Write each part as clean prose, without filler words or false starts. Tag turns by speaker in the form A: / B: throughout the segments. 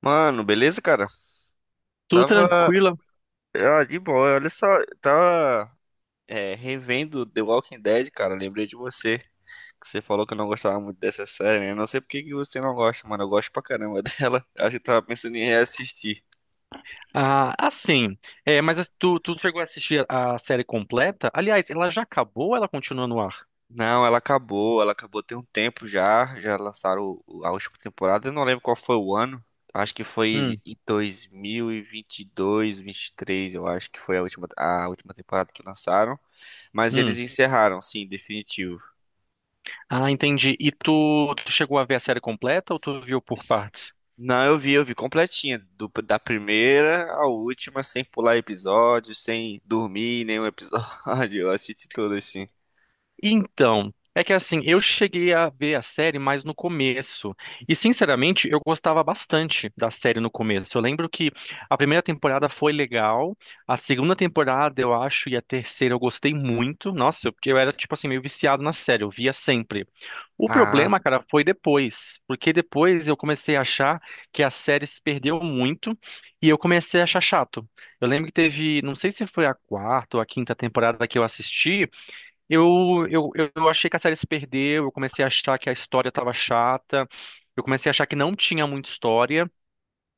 A: Mano, beleza, cara?
B: Tudo
A: Tava.
B: tranquila.
A: Ah, de boa, olha só. Tava revendo The Walking Dead, cara. Lembrei de você. Que você falou que eu não gostava muito dessa série, né? Eu não sei por que que você não gosta, mano. Eu gosto pra caramba dela. Acho que eu tava pensando em reassistir.
B: Ah, assim, mas tu chegou a assistir a série completa? Aliás, ela já acabou ou ela continua no ar?
A: Não, ela acabou. Ela acabou tem um tempo já. Já lançaram a última temporada. Eu não lembro qual foi o ano. Acho que foi
B: Hum,
A: em 2022, 23, eu acho que foi a última temporada que lançaram. Mas eles
B: hum.
A: encerraram, sim, definitivo.
B: Ah, entendi. E tu chegou a ver a série completa ou tu viu por partes?
A: Não, eu vi completinha, da primeira à última, sem pular episódio, sem dormir nenhum episódio, eu assisti tudo assim.
B: Então, é que assim, eu cheguei a ver a série mais no começo. E sinceramente, eu gostava bastante da série no começo. Eu lembro que a primeira temporada foi legal, a segunda temporada, eu acho, e a terceira eu gostei muito. Nossa, porque eu era tipo assim meio viciado na série, eu via sempre. O
A: Ah,
B: problema, cara, foi depois, porque depois eu comecei a achar que a série se perdeu muito e eu comecei a achar chato. Eu lembro que teve, não sei se foi a quarta ou a quinta temporada que eu assisti, eu achei que a série se perdeu, eu comecei a achar que a história estava chata, eu comecei a achar que não tinha muita história.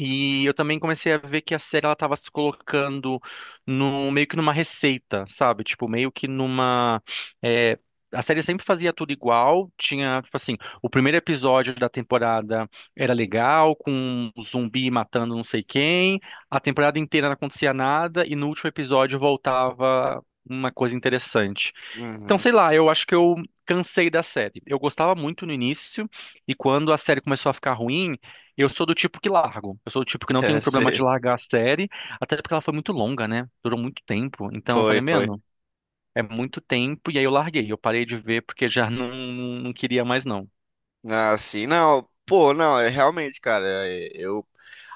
B: E eu também comecei a ver que a série ela tava se colocando no meio que numa receita, sabe? Tipo, meio que numa é, a série sempre fazia tudo igual, tinha, tipo assim, o primeiro episódio da temporada era legal, com um zumbi matando não sei quem, a temporada inteira não acontecia nada e no último episódio voltava uma coisa interessante. Então,
A: uhum.
B: sei lá, eu acho que eu cansei da série. Eu gostava muito no início e quando a série começou a ficar ruim, eu sou do tipo que largo. Eu sou do tipo que não tem um
A: É,
B: problema de
A: sei.
B: largar a série, até porque ela foi muito longa, né? Durou muito tempo. Então eu
A: Foi,
B: falei,
A: foi.
B: mano, é muito tempo. E aí eu larguei. Eu parei de ver porque já não queria mais, não.
A: Ah, sim, não. Pô, não, é realmente, cara, eu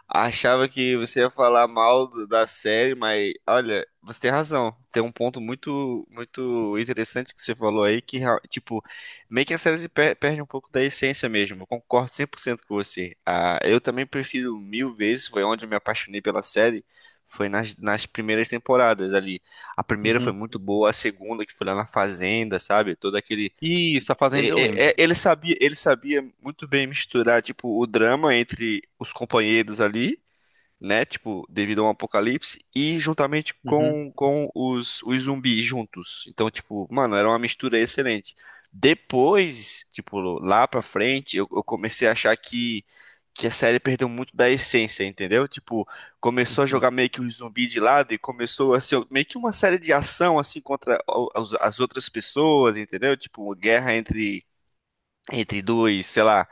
A: achava que você ia falar mal da série, mas olha, você tem razão. Tem um ponto muito muito interessante que você falou aí que tipo, meio que a série se per- perde um pouco da essência mesmo. Eu concordo 100% com você. Ah, eu também prefiro mil vezes, foi onde eu me apaixonei pela série. Foi nas primeiras temporadas ali. A primeira foi
B: Uhum.
A: muito boa, a segunda, que foi lá na Fazenda, sabe? Todo aquele
B: Isso, a Fazenda eu lembro.
A: ele sabia muito bem misturar, tipo, o drama entre os companheiros ali, né? Tipo, devido a um apocalipse, e juntamente
B: Uhum,
A: com, os zumbis juntos. Então, tipo, mano, era uma mistura excelente. Depois, tipo, lá pra frente, eu comecei a achar que a série perdeu muito da essência, entendeu? Tipo, começou a
B: uhum,
A: jogar meio que os zumbis de lado e começou a ser meio que uma série de ação, assim, contra as outras pessoas, entendeu? Tipo, uma guerra entre dois, sei lá,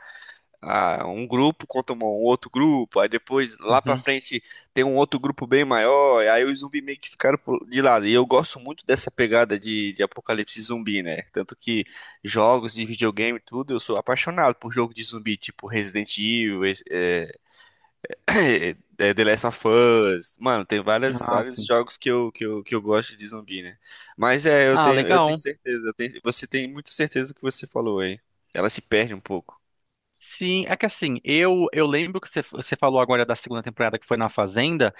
A: ah, um grupo contra um outro grupo, aí depois lá pra
B: uhum.
A: frente tem um outro grupo bem maior, e aí os zumbis meio que ficaram de lado. E eu gosto muito dessa pegada de apocalipse zumbi, né? Tanto que jogos de videogame e tudo, eu sou apaixonado por jogo de zumbi, tipo Resident Evil, The Last of Us. Mano, tem várias,
B: Ah,
A: vários
B: sim.
A: jogos que eu gosto de zumbi, né? Mas é,
B: Ah,
A: eu tenho
B: legal.
A: certeza, você tem muita certeza do que você falou aí. Ela se perde um pouco.
B: Sim, é que assim, eu lembro que você falou agora da segunda temporada que foi na Fazenda,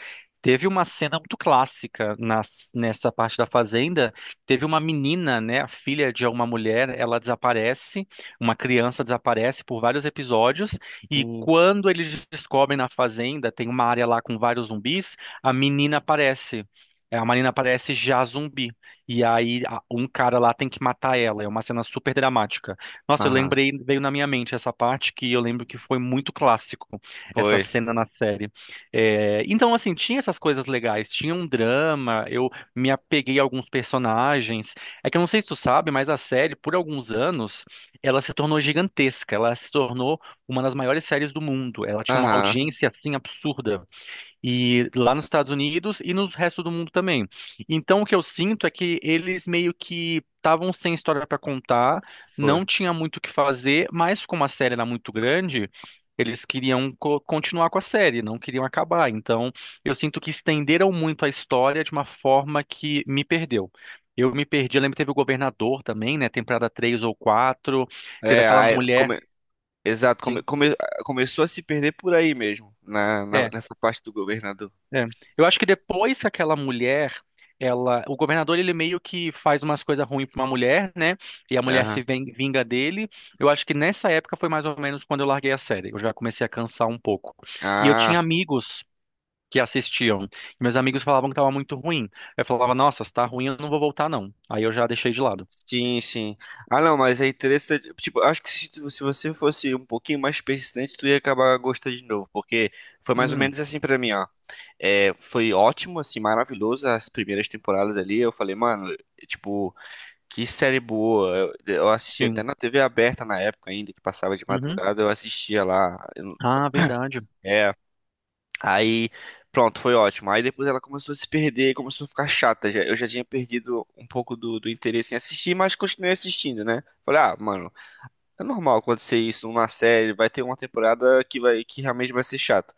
B: teve uma cena muito clássica nessa parte da Fazenda, teve uma menina, né, a filha de uma mulher, ela desaparece, uma criança desaparece por vários episódios, e
A: Sim.
B: quando eles descobrem na Fazenda, tem uma área lá com vários zumbis, a menina aparece. É, a menina aparece já zumbi. E aí um cara lá tem que matar ela. É uma cena super dramática. Nossa, eu
A: Aham,
B: lembrei, veio na minha mente essa parte que eu lembro que foi muito clássico, essa
A: foi.
B: cena na série. É, então, assim, tinha essas coisas legais, tinha um drama, eu me apeguei a alguns personagens. É que eu não sei se tu sabe, mas a série, por alguns anos, ela se tornou gigantesca, ela se tornou uma das maiores séries do mundo. Ela tinha uma
A: Aham,
B: audiência, assim, absurda. E lá nos Estados Unidos e no resto do mundo também. Então, o que eu sinto é que eles meio que estavam sem história para contar,
A: foi.
B: não tinha muito o que fazer, mas como a série era muito grande, eles queriam continuar com a série, não queriam acabar. Então, eu sinto que estenderam muito a história de uma forma que me perdeu. Eu me perdi, eu lembro que teve o Governador também, né? Temporada 3 ou 4 teve
A: É,
B: aquela
A: aí,
B: mulher.
A: exato,
B: Sim.
A: começou a se perder por aí mesmo,
B: é,
A: nessa parte do governador.
B: É. Eu acho que depois que aquela mulher, ela, o governador ele meio que faz umas coisas ruins pra uma mulher, né? E a mulher se
A: Aham.
B: vinga dele. Eu acho que nessa época foi mais ou menos quando eu larguei a série. Eu já comecei a cansar um pouco. E eu
A: Ah,
B: tinha amigos que assistiam. E meus amigos falavam que tava muito ruim. Eu falava, nossa, se tá ruim, eu não vou voltar não. Aí eu já deixei de lado.
A: sim, sim. Ah, não, mas é interessante. Tipo, acho que se, se você fosse um pouquinho mais persistente, tu ia acabar gostando de novo, porque foi mais ou
B: Hum,
A: menos assim pra mim, ó. É, foi ótimo, assim, maravilhoso as primeiras temporadas ali. Eu falei, mano, tipo. Que série boa. Eu assisti até
B: sim.
A: na TV aberta na época ainda, que passava de
B: Uhum.
A: madrugada, eu assistia lá. Eu-
B: Ah, verdade.
A: É. Aí, pronto, foi ótimo. Aí depois ela começou a se perder, começou a ficar chata. Já, eu já tinha perdido um pouco do interesse em assistir, mas continuei assistindo, né? Falei, ah, mano, é normal acontecer isso numa série, vai ter uma temporada que realmente vai ser chata.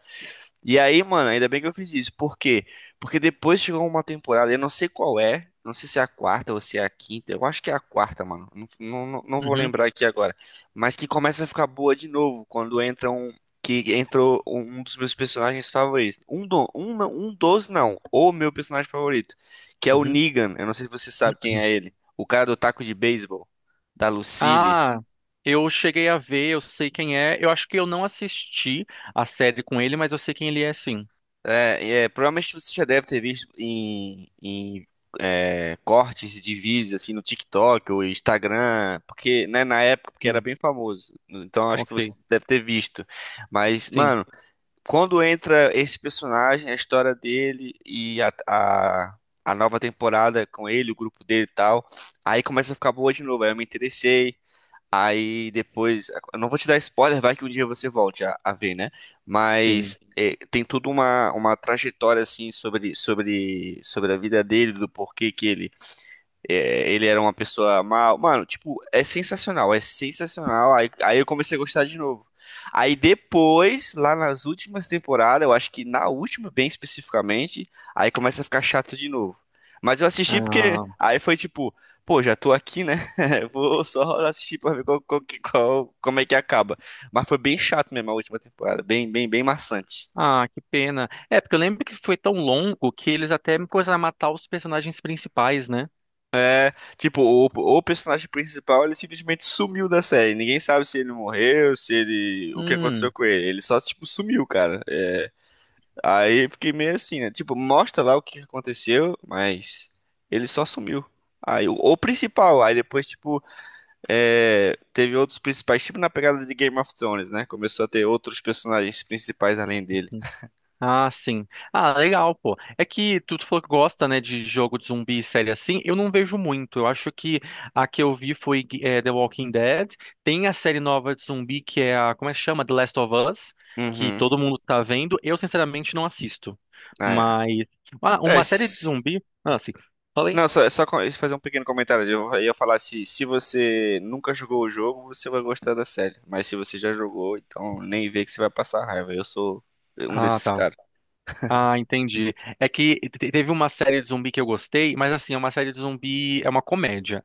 A: E aí, mano, ainda bem que eu fiz isso. Por quê? Porque depois chegou uma temporada, eu não sei qual é, não sei se é a quarta ou se é a quinta, eu acho que é a quarta, mano. Não, não, não vou
B: Uhum,
A: lembrar aqui agora. Mas que começa a ficar boa de novo quando entra um. Que entrou um dos meus personagens favoritos. Um, do, um, não- um dos, não. O meu personagem favorito. Que é o
B: uhum.
A: Negan. Eu não sei se você sabe quem é ele. O cara do taco de beisebol. Da Lucille.
B: Ah, eu cheguei a ver, eu sei quem é. Eu acho que eu não assisti a série com ele, mas eu sei quem ele é, sim.
A: É, é, provavelmente você já deve ter visto cortes de vídeos assim no TikTok ou Instagram, porque né, na época porque era
B: Sim,
A: bem famoso. Então acho que você
B: ok.
A: deve ter visto. Mas,
B: Sim,
A: mano, quando entra esse personagem, a história dele a nova temporada com ele, o grupo dele e tal, aí começa a ficar boa de novo. Aí eu me interessei. Aí depois, eu não vou te dar spoiler, vai que um dia você volte a ver, né?
B: sim.
A: Mas é, tem toda uma trajetória assim sobre a vida dele, do porquê que ele é, ele era uma pessoa mal. Mano, tipo, é sensacional, é sensacional. Aí eu comecei a gostar de novo. Aí depois, lá nas últimas temporadas, eu acho que na última, bem especificamente, aí começa a ficar chato de novo. Mas eu assisti porque
B: Ah,
A: aí foi tipo, pô, já tô aqui, né? Vou só assistir pra ver como é que acaba. Mas foi bem chato mesmo a última temporada, bem, bem, bem maçante.
B: ah, que pena. É, porque eu lembro que foi tão longo que eles até me coisa matar os personagens principais, né?
A: Tipo, o personagem principal, ele simplesmente sumiu da série. Ninguém sabe se ele morreu, se ele... O que aconteceu
B: Hum.
A: com ele. Ele só, tipo, sumiu, cara. É, aí eu fiquei meio assim, né? Tipo, mostra lá o que aconteceu, mas ele só sumiu. Aí, o principal, aí depois, tipo, é, teve outros principais, tipo na pegada de Game of Thrones, né? Começou a ter outros personagens principais além dele.
B: Ah, sim. Ah, legal, pô. É que tu falou que gosta, né, de jogo de zumbi e série assim. Eu não vejo muito. Eu acho que a que eu vi foi The Walking Dead. Tem a série nova de zumbi que é a, como é que chama? The Last of Us, que
A: Uhum.
B: todo mundo tá vendo. Eu, sinceramente, não assisto.
A: É.
B: Mas
A: É,
B: uma série de
A: s-
B: zumbi. Ah, sim. Falei.
A: Não, fazer um pequeno comentário. Eu ia falar se, se você nunca jogou o jogo, você vai gostar da série. Mas se você já jogou, então nem vê que você vai passar raiva. Eu sou um
B: Ah,
A: desses
B: tá.
A: caras.
B: Ah, entendi. É que teve uma série de zumbi que eu gostei, mas assim, é uma série de zumbi, é uma comédia.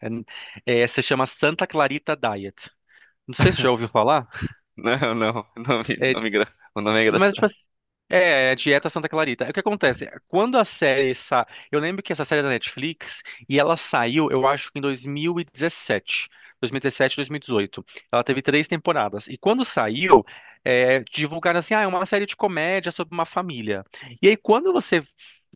B: É, se chama Santa Clarita Diet. Não sei se já ouviu falar.
A: Não, não, o nome,
B: É,
A: nome, o nome é
B: mas, tipo
A: engraçado.
B: é, Dieta Santa Clarita. É. O que acontece? Quando a série sa... Eu lembro que essa série é da Netflix e ela saiu, eu acho que em dois dois dois mil mil e mil e dezoito. Ela teve três temporadas. E quando saiu, divulgaram assim, ah, é uma série de comédia sobre uma família. E aí, quando você...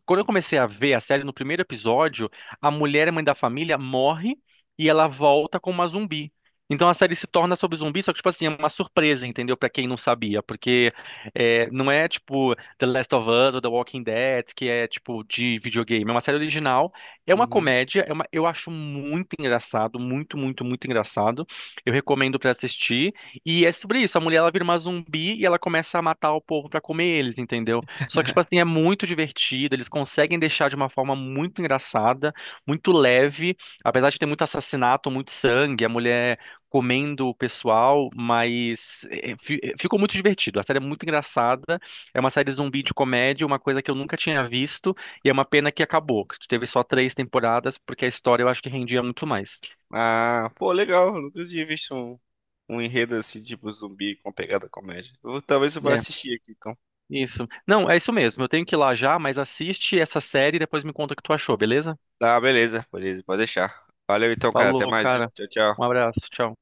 B: Quando eu comecei a ver a série, no primeiro episódio, a mulher, mãe da família, morre e ela volta como uma zumbi. Então a série se torna sobre zumbi, só que, tipo assim, é uma surpresa, entendeu? Pra quem não sabia, porque não é tipo The Last of Us ou The Walking Dead, que é tipo de videogame. É uma série original, é uma
A: Uhum.
B: comédia, eu acho muito engraçado, muito engraçado. Eu recomendo pra assistir. E é sobre isso, a mulher ela vira uma zumbi e ela começa a matar o povo pra comer eles, entendeu? Só que tipo assim, é muito divertido, eles conseguem deixar de uma forma muito engraçada, muito leve, apesar de ter muito assassinato, muito sangue, a mulher comendo o pessoal, mas ficou muito divertido. A série é muito engraçada, é uma série zumbi de comédia, uma coisa que eu nunca tinha visto, e é uma pena que acabou, que teve só três temporadas, porque a história eu acho que rendia muito mais.
A: Ah, pô, legal. Eu nunca tinha visto um enredo assim, tipo zumbi com pegada comédia. Eu- talvez eu vá
B: É,
A: assistir aqui, então.
B: isso. Não, é isso mesmo, eu tenho que ir lá já, mas assiste essa série e depois me conta o que tu achou, beleza?
A: Tá, beleza, beleza, pode deixar. Valeu então, cara. Até
B: Falou,
A: mais, viu?
B: cara.
A: Tchau, tchau.
B: Um abraço, tchau.